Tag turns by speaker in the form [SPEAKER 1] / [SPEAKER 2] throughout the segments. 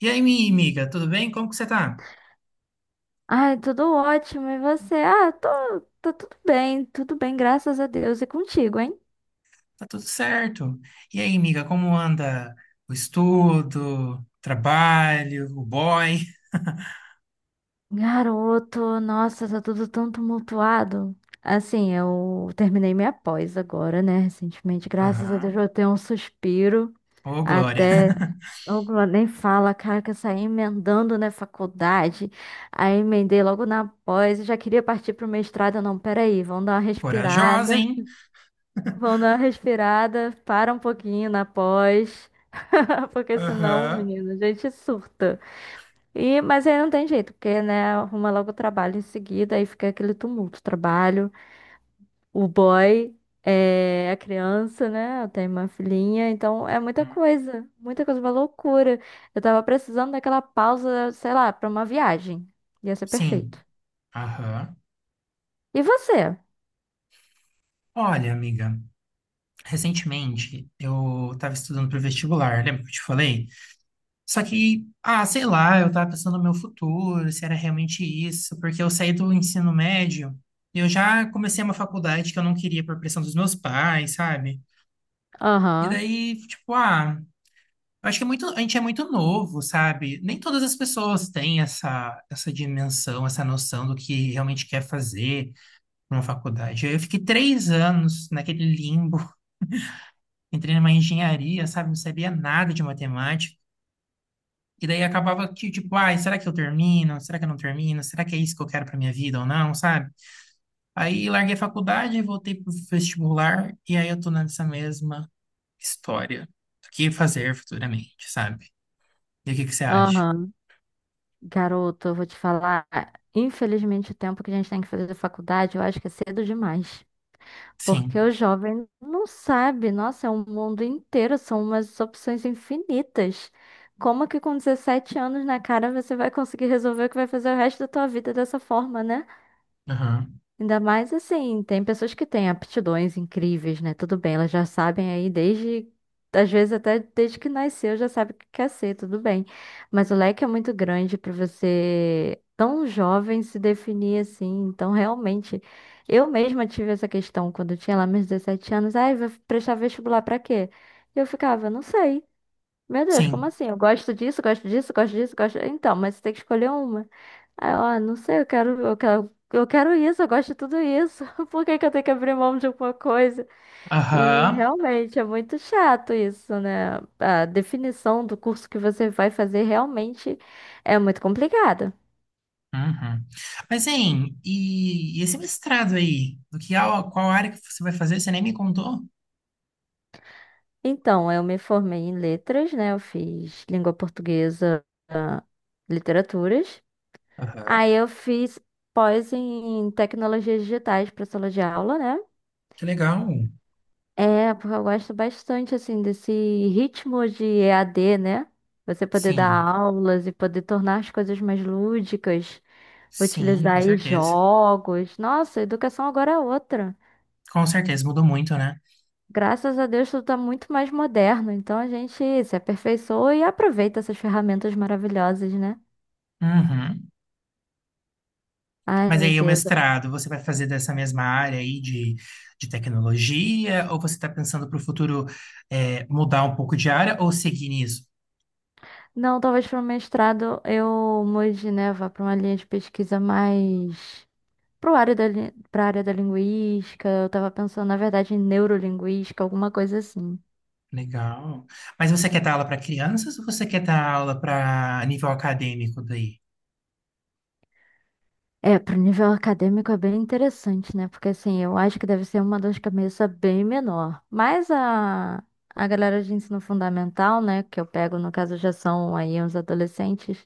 [SPEAKER 1] E aí, minha amiga, tudo bem? Como que você tá?
[SPEAKER 2] Ai, tudo ótimo. E você? Ah, tô tudo bem, graças a Deus. E contigo, hein?
[SPEAKER 1] Tá tudo certo. E aí, amiga, como anda o estudo, trabalho, o boy?
[SPEAKER 2] Garoto, nossa, tá tudo tão tumultuado. Assim, eu terminei minha pós agora, né? Recentemente, graças a Deus,
[SPEAKER 1] Aham.
[SPEAKER 2] eu tenho um suspiro.
[SPEAKER 1] Ô, Glória.
[SPEAKER 2] Até, eu nem fala, cara, que eu saí emendando na faculdade. Aí emendei logo na pós e já queria partir pro mestrado. Não, peraí, vamos dar uma
[SPEAKER 1] Corajosa,
[SPEAKER 2] respirada.
[SPEAKER 1] hein?
[SPEAKER 2] Vão dar uma respirada, para um pouquinho na pós, porque senão,
[SPEAKER 1] Aham.
[SPEAKER 2] menino, a gente surta. E, mas aí não tem jeito, porque, né, arruma logo o trabalho em seguida, aí fica aquele tumulto, trabalho, o boy, é, a criança, né, eu tenho uma filhinha, então é
[SPEAKER 1] Hum.
[SPEAKER 2] muita coisa, uma loucura. Eu tava precisando daquela pausa, sei lá, pra uma viagem, ia ser perfeito.
[SPEAKER 1] Sim. Aham.
[SPEAKER 2] E você?
[SPEAKER 1] Olha, amiga, recentemente eu estava estudando para o vestibular, lembra que eu te falei? Só que, ah, sei lá, eu tava pensando no meu futuro, se era realmente isso, porque eu saí do ensino médio e eu já comecei uma faculdade que eu não queria por pressão dos meus pais, sabe? E
[SPEAKER 2] Aham,
[SPEAKER 1] daí, tipo, ah, eu acho que é muito, a gente é muito novo, sabe? Nem todas as pessoas têm essa dimensão, essa noção do que realmente quer fazer numa faculdade. Eu fiquei três anos naquele limbo, entrei numa engenharia, sabe? Não sabia nada de matemática. E daí acabava que, tipo, ai, será que eu termino? Será que eu não termino? Será que é isso que eu quero pra minha vida ou não, sabe? Aí larguei a faculdade, voltei pro vestibular e aí eu tô nessa mesma história do que fazer futuramente, sabe? E o que que você acha?
[SPEAKER 2] aham. Garoto, eu vou te falar, infelizmente o tempo que a gente tem que fazer faculdade, eu acho que é cedo demais. Porque
[SPEAKER 1] Sim.
[SPEAKER 2] o jovem não sabe, nossa, é um mundo inteiro, são umas opções infinitas. Como que com 17 anos na cara você vai conseguir resolver o que vai fazer o resto da tua vida dessa forma, né?
[SPEAKER 1] Aham.
[SPEAKER 2] Ainda mais assim, tem pessoas que têm aptidões incríveis, né? Tudo bem, elas já sabem aí desde, às vezes até desde que nasceu, já sabe o que quer ser, tudo bem. Mas o leque é muito grande para você, tão jovem, se definir assim. Então, realmente, eu mesma tive essa questão quando eu tinha lá meus 17 anos. Ai, vou prestar vestibular para quê? E eu ficava, não sei. Meu Deus, como
[SPEAKER 1] Sim.
[SPEAKER 2] assim? Eu gosto disso, gosto disso, gosto disso, gosto. Então, mas você tem que escolher uma. Aí eu, ah, não sei, eu quero isso, eu gosto de tudo isso. Por que que eu tenho que abrir mão de alguma coisa? E
[SPEAKER 1] Aham.
[SPEAKER 2] realmente é muito chato isso, né? A definição do curso que você vai fazer realmente é muito complicada.
[SPEAKER 1] Uhum. Mas, hein, e esse mestrado aí? Do que, ao- qual área que você vai fazer? Você nem me contou?
[SPEAKER 2] Então, eu me formei em letras, né? Eu fiz língua portuguesa, ah, literaturas.
[SPEAKER 1] Aham.
[SPEAKER 2] Aí eu fiz pós em tecnologias digitais para sala de aula, né?
[SPEAKER 1] Que legal.
[SPEAKER 2] É, porque eu gosto bastante, assim, desse ritmo de EAD, né? Você poder dar
[SPEAKER 1] Sim.
[SPEAKER 2] aulas e poder tornar as coisas mais lúdicas,
[SPEAKER 1] Sim,
[SPEAKER 2] utilizar
[SPEAKER 1] com
[SPEAKER 2] aí
[SPEAKER 1] certeza.
[SPEAKER 2] jogos. Nossa, a educação agora é outra.
[SPEAKER 1] Com certeza, mudou muito, né?
[SPEAKER 2] Graças a Deus tudo está muito mais moderno, então a gente se aperfeiçoa e aproveita essas ferramentas maravilhosas, né?
[SPEAKER 1] Uhum.
[SPEAKER 2] Ai,
[SPEAKER 1] Mas
[SPEAKER 2] meu
[SPEAKER 1] aí o
[SPEAKER 2] Deus.
[SPEAKER 1] mestrado, você vai fazer dessa mesma área aí de tecnologia, ou você está pensando para o futuro é, mudar um pouco de área ou seguir nisso?
[SPEAKER 2] Não, talvez para o mestrado eu mude, né? Vá para uma linha de pesquisa mais Pro área da, li- pra área da linguística, eu tava pensando, na verdade, em neurolinguística, alguma coisa assim.
[SPEAKER 1] Legal. Mas você quer dar aula para crianças ou você quer dar aula para nível acadêmico daí?
[SPEAKER 2] É, pro nível acadêmico é bem interessante, né? Porque assim, eu acho que deve ser uma dor de cabeça bem menor. Mas a galera de ensino fundamental, né, que eu pego, no caso, já são aí uns adolescentes,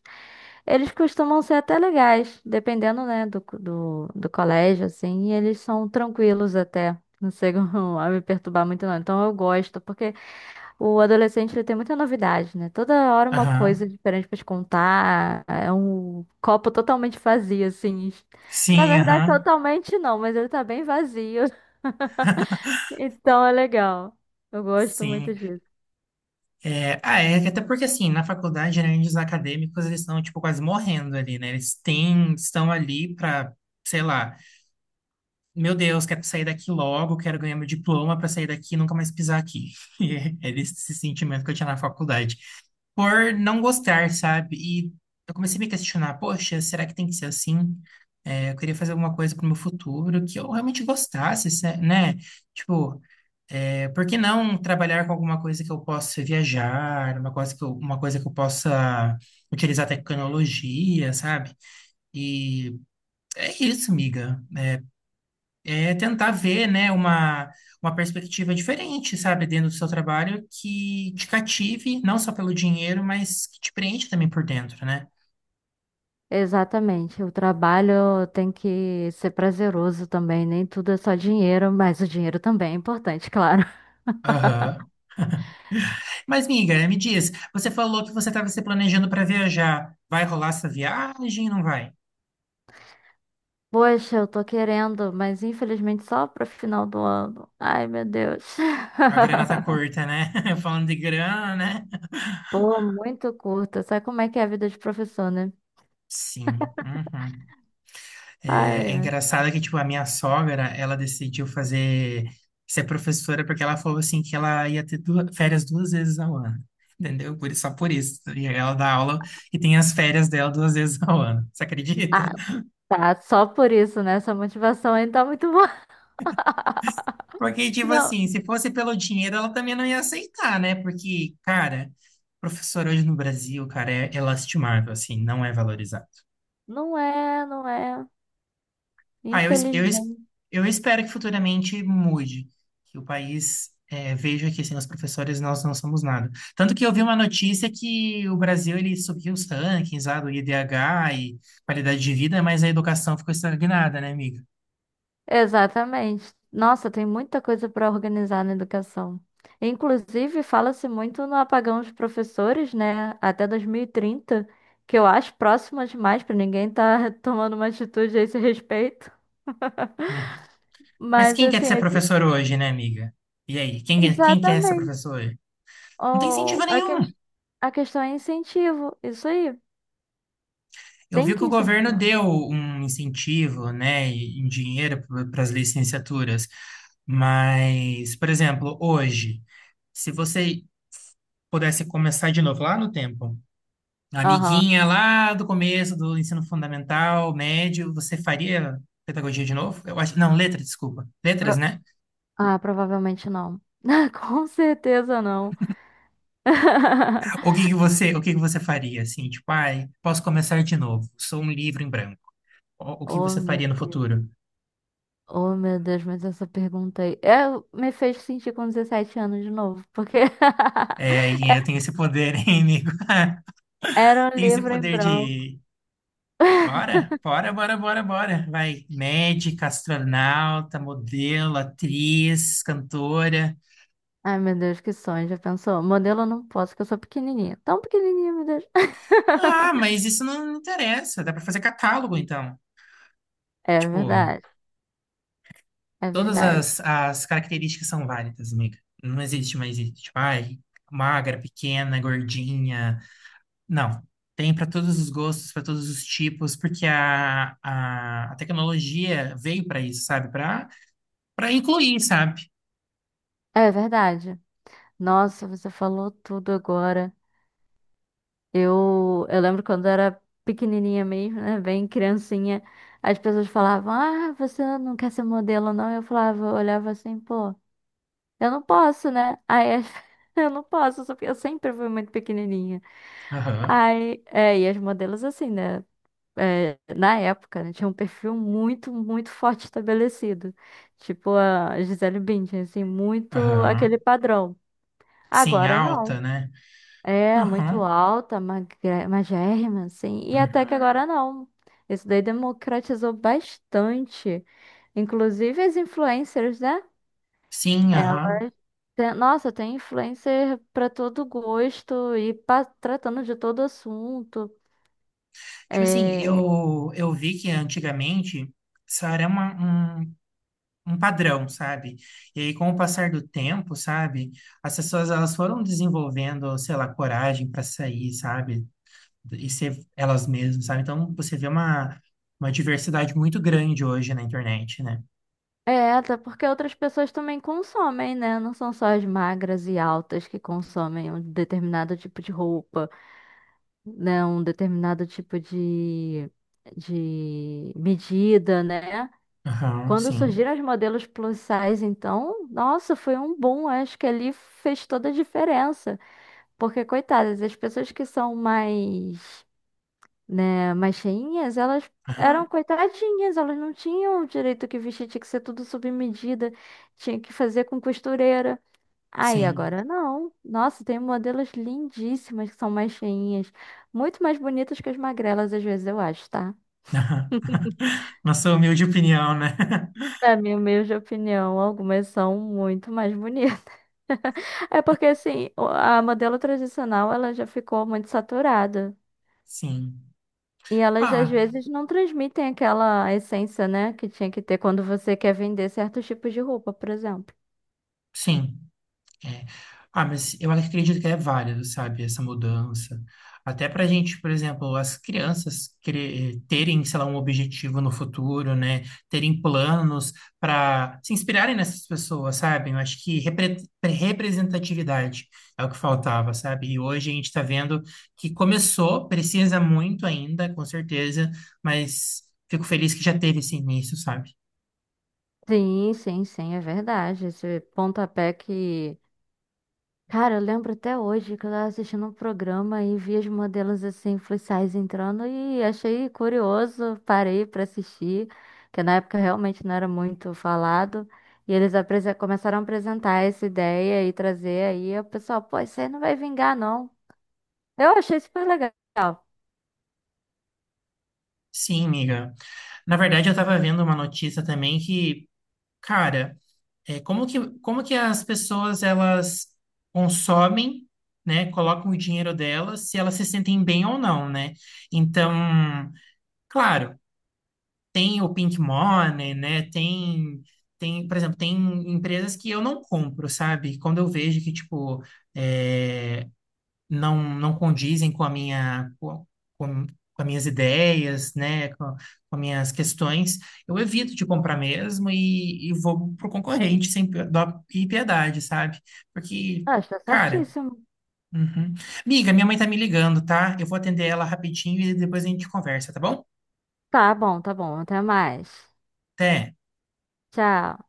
[SPEAKER 2] eles costumam ser até legais, dependendo, né, do colégio, assim, e eles são tranquilos até. Não chegam a me perturbar muito, não. Então eu gosto, porque. O adolescente ele tem muita novidade, né? Toda hora uma
[SPEAKER 1] Aham.
[SPEAKER 2] coisa diferente pra te contar. É um copo totalmente vazio, assim. Na
[SPEAKER 1] Sim,
[SPEAKER 2] verdade,
[SPEAKER 1] aham.
[SPEAKER 2] totalmente não, mas ele tá bem vazio. Então é legal. Eu gosto
[SPEAKER 1] Sim.
[SPEAKER 2] muito disso.
[SPEAKER 1] É, ah, é, até porque assim, na faculdade, né, os acadêmicos, eles estão, tipo, quase morrendo ali, né? Eles têm, estão ali para, sei lá, Meu Deus, quero sair daqui logo, quero ganhar meu diploma para sair daqui e nunca mais pisar aqui. E era esse sentimento que eu tinha na faculdade. Por não gostar, sabe? E eu comecei a me questionar, poxa, será que tem que ser assim? É, eu queria fazer alguma coisa para o meu futuro que eu realmente gostasse, se- né? Tipo, é, por que não trabalhar com alguma coisa que eu possa viajar, uma coisa que eu possa utilizar tecnologia, sabe? E é isso, amiga, é tentar ver, né, uma perspectiva diferente, sabe, dentro do seu trabalho que te cative, não só pelo dinheiro, mas que te preenche também por dentro, né?
[SPEAKER 2] Exatamente. O trabalho tem que ser prazeroso também. Nem tudo é só dinheiro, mas o dinheiro também é importante, claro.
[SPEAKER 1] Aham. Mas, miga, me diz, você falou que você estava se planejando para viajar. Vai rolar essa viagem? Não vai?
[SPEAKER 2] Poxa, eu tô querendo, mas infelizmente só pro final do ano. Ai, meu Deus.
[SPEAKER 1] A grana tá curta, né? Falando de grana, né?
[SPEAKER 2] Pô, muito curta. Sabe como é que é a vida de professor, né?
[SPEAKER 1] Sim. Uhum.
[SPEAKER 2] Ai,
[SPEAKER 1] É, é
[SPEAKER 2] ai.
[SPEAKER 1] engraçado que, tipo, a minha sogra, ela decidiu fazer, ser professora porque ela falou, assim, que ela ia ter duas, férias duas vezes ao ano, entendeu? Por, só por isso. E aí ela dá aula e tem as férias dela duas vezes ao ano, você acredita?
[SPEAKER 2] Ah, tá. Só por isso, né? Essa motivação ainda tá muito boa.
[SPEAKER 1] Porque, tipo
[SPEAKER 2] Não,
[SPEAKER 1] assim, se fosse pelo dinheiro, ela também não ia aceitar, né? Porque, cara, professor hoje no Brasil, cara, é, é lastimável, assim, não é valorizado.
[SPEAKER 2] não é.
[SPEAKER 1] Ah, eu, es- eu, es-
[SPEAKER 2] Infelizmente.
[SPEAKER 1] eu espero que futuramente mude, que o país eh, veja que sem os professores nós não somos nada. Tanto que eu vi uma notícia que o Brasil ele subiu os rankings lá do IDH e qualidade de vida, mas a educação ficou estagnada, né, amiga?
[SPEAKER 2] Exatamente. Nossa, tem muita coisa para organizar na educação. Inclusive, fala-se muito no apagão dos professores, né? Até 2030, que eu acho próximo demais para ninguém estar tomando uma atitude a esse respeito.
[SPEAKER 1] Hum. Mas
[SPEAKER 2] Mas
[SPEAKER 1] quem quer
[SPEAKER 2] assim,
[SPEAKER 1] ser
[SPEAKER 2] esse-
[SPEAKER 1] professor hoje, né, amiga? E aí, quem, é- quem quer ser
[SPEAKER 2] exatamente.
[SPEAKER 1] professor hoje? Não tem
[SPEAKER 2] O,
[SPEAKER 1] incentivo nenhum.
[SPEAKER 2] A questão é incentivo. Isso aí.
[SPEAKER 1] Eu
[SPEAKER 2] Tem
[SPEAKER 1] vi
[SPEAKER 2] que
[SPEAKER 1] que o governo
[SPEAKER 2] incentivar.
[SPEAKER 1] deu um incentivo, né, em dinheiro para as licenciaturas. Mas, por exemplo, hoje, se você pudesse começar de novo lá no tempo, a
[SPEAKER 2] Aham.
[SPEAKER 1] amiguinha lá do começo do ensino fundamental, médio, você faria pedagogia de novo? Eu acho, não, letra, desculpa. Letras,
[SPEAKER 2] Pro-
[SPEAKER 1] né?
[SPEAKER 2] Ah, provavelmente não. Com certeza não.
[SPEAKER 1] O que que você, o que que você faria assim, tipo, ai, posso começar de novo. Sou um livro em branco. O que
[SPEAKER 2] Oh,
[SPEAKER 1] você faria
[SPEAKER 2] meu
[SPEAKER 1] no
[SPEAKER 2] Deus.
[SPEAKER 1] futuro?
[SPEAKER 2] Oh, meu Deus, mas essa pergunta aí. Eu, me fez sentir com 17 anos de novo, porque
[SPEAKER 1] É, aí eu tenho esse poder, hein, amigo?
[SPEAKER 2] era um
[SPEAKER 1] Tenho esse
[SPEAKER 2] livro em
[SPEAKER 1] poder
[SPEAKER 2] branco.
[SPEAKER 1] de bora, bora, bora, bora, bora. Vai, médica, astronauta, modelo, atriz, cantora.
[SPEAKER 2] Ai, meu Deus, que sonho, já pensou? Modelo eu não posso, porque eu sou pequenininha. Tão pequenininha, meu Deus.
[SPEAKER 1] Ah, mas isso não interessa. Dá pra fazer catálogo, então.
[SPEAKER 2] É
[SPEAKER 1] Tipo,
[SPEAKER 2] verdade, é
[SPEAKER 1] todas
[SPEAKER 2] verdade.
[SPEAKER 1] as, as características são válidas, amiga. Não existe mais isso. Tipo, ai, magra, pequena, gordinha. Não. Tem para todos os gostos, para todos os tipos, porque a tecnologia veio para isso, sabe? Para incluir, sabe?
[SPEAKER 2] É verdade. Nossa, você falou tudo agora. Eu lembro quando era pequenininha mesmo, né? Bem criancinha, as pessoas falavam: Ah, você não quer ser modelo, não? Eu falava, eu olhava assim, pô, eu não posso, né? Aí as- eu não posso, só que eu sempre fui muito pequenininha.
[SPEAKER 1] Aham,
[SPEAKER 2] Aí, é, e as modelos assim, né? É, na época, né, tinha um perfil muito, muito forte estabelecido. Tipo a Gisele Bündchen, assim, muito aquele
[SPEAKER 1] aham.
[SPEAKER 2] padrão.
[SPEAKER 1] Sim,
[SPEAKER 2] Agora não.
[SPEAKER 1] alta, né?
[SPEAKER 2] É, muito
[SPEAKER 1] Aham,
[SPEAKER 2] alta, magra- magérrima, assim. E até que
[SPEAKER 1] uhum.
[SPEAKER 2] agora não. Isso daí democratizou bastante. Inclusive as influencers, né?
[SPEAKER 1] Sim,
[SPEAKER 2] Ela
[SPEAKER 1] aham.
[SPEAKER 2] tem- nossa, tem influencer para todo gosto e pa- tratando de todo assunto.
[SPEAKER 1] Tipo assim,
[SPEAKER 2] É,
[SPEAKER 1] eu vi que antigamente isso era uma, um, um padrão, sabe? E aí, com o passar do tempo, sabe? As pessoas elas foram desenvolvendo, sei lá, coragem para sair, sabe? E ser elas mesmas, sabe? Então, você vê uma diversidade muito grande hoje na internet, né?
[SPEAKER 2] até porque outras pessoas também consomem, né? Não são só as magras e altas que consomem um determinado tipo de roupa, né? Um determinado tipo de medida, né?
[SPEAKER 1] Aham,
[SPEAKER 2] Quando
[SPEAKER 1] sim.
[SPEAKER 2] surgiram as modelos plus size, então, nossa, foi um boom. Acho que ali fez toda a diferença. Porque, coitadas, as pessoas que são mais, né, mais cheinhas, elas
[SPEAKER 1] Aham,
[SPEAKER 2] eram coitadinhas, elas não tinham o direito que vestir, tinha que ser tudo sob medida, tinha que fazer com costureira. Aí,
[SPEAKER 1] sim.
[SPEAKER 2] agora não. Nossa, tem modelos lindíssimas que são mais cheinhas, muito mais bonitas que as magrelas, às vezes, eu acho, tá?
[SPEAKER 1] Aham. Nossa humilde opinião, né?
[SPEAKER 2] Na minha humilde opinião, algumas são muito mais bonitas. É porque assim, o- a modelo tradicional ela já ficou muito saturada.
[SPEAKER 1] Sim.
[SPEAKER 2] E elas às
[SPEAKER 1] Ah,
[SPEAKER 2] vezes não transmitem aquela essência, né, que tinha que ter quando você quer vender certos tipos de roupa, por exemplo.
[SPEAKER 1] sim. É. Ah, mas eu acredito que é válido, sabe, essa mudança. Até para a gente, por exemplo, as crianças cre- terem, sei lá, um objetivo no futuro, né? Terem planos para se inspirarem nessas pessoas, sabe? Eu acho que repre- representatividade é o que faltava, sabe? E hoje a gente está vendo que começou, precisa muito ainda, com certeza, mas fico feliz que já teve esse início, sabe?
[SPEAKER 2] Sim, sim, sim, é verdade. Esse pontapé que Cara, eu lembro até hoje que eu tava assistindo um programa e vi as modelos assim, plus size entrando e achei curioso, parei pra assistir, que na época realmente não era muito falado. E eles apresen- começaram a apresentar essa ideia e trazer aí, o pessoal, pô, isso aí não vai vingar, não. Eu achei super legal.
[SPEAKER 1] Sim, amiga. Na verdade, eu estava vendo uma notícia também que. Cara, é, como que as pessoas elas consomem, né, colocam o dinheiro delas, se elas se sentem bem ou não, né? Então, claro, tem o Pink Money, né? Tem, tem, por exemplo, tem empresas que eu não compro, sabe? Quando eu vejo que, tipo, é, não condizem com a minha com, com as minhas ideias, né, com as minhas questões, eu evito de comprar mesmo e vou pro concorrente sem pi- dó e piedade, sabe? Porque,
[SPEAKER 2] Ah, está
[SPEAKER 1] cara,
[SPEAKER 2] certíssimo.
[SPEAKER 1] uhum. Miga, minha mãe tá me ligando, tá? Eu vou atender ela rapidinho e depois a gente conversa, tá bom?
[SPEAKER 2] Tá bom, até mais.
[SPEAKER 1] Até.
[SPEAKER 2] Tchau.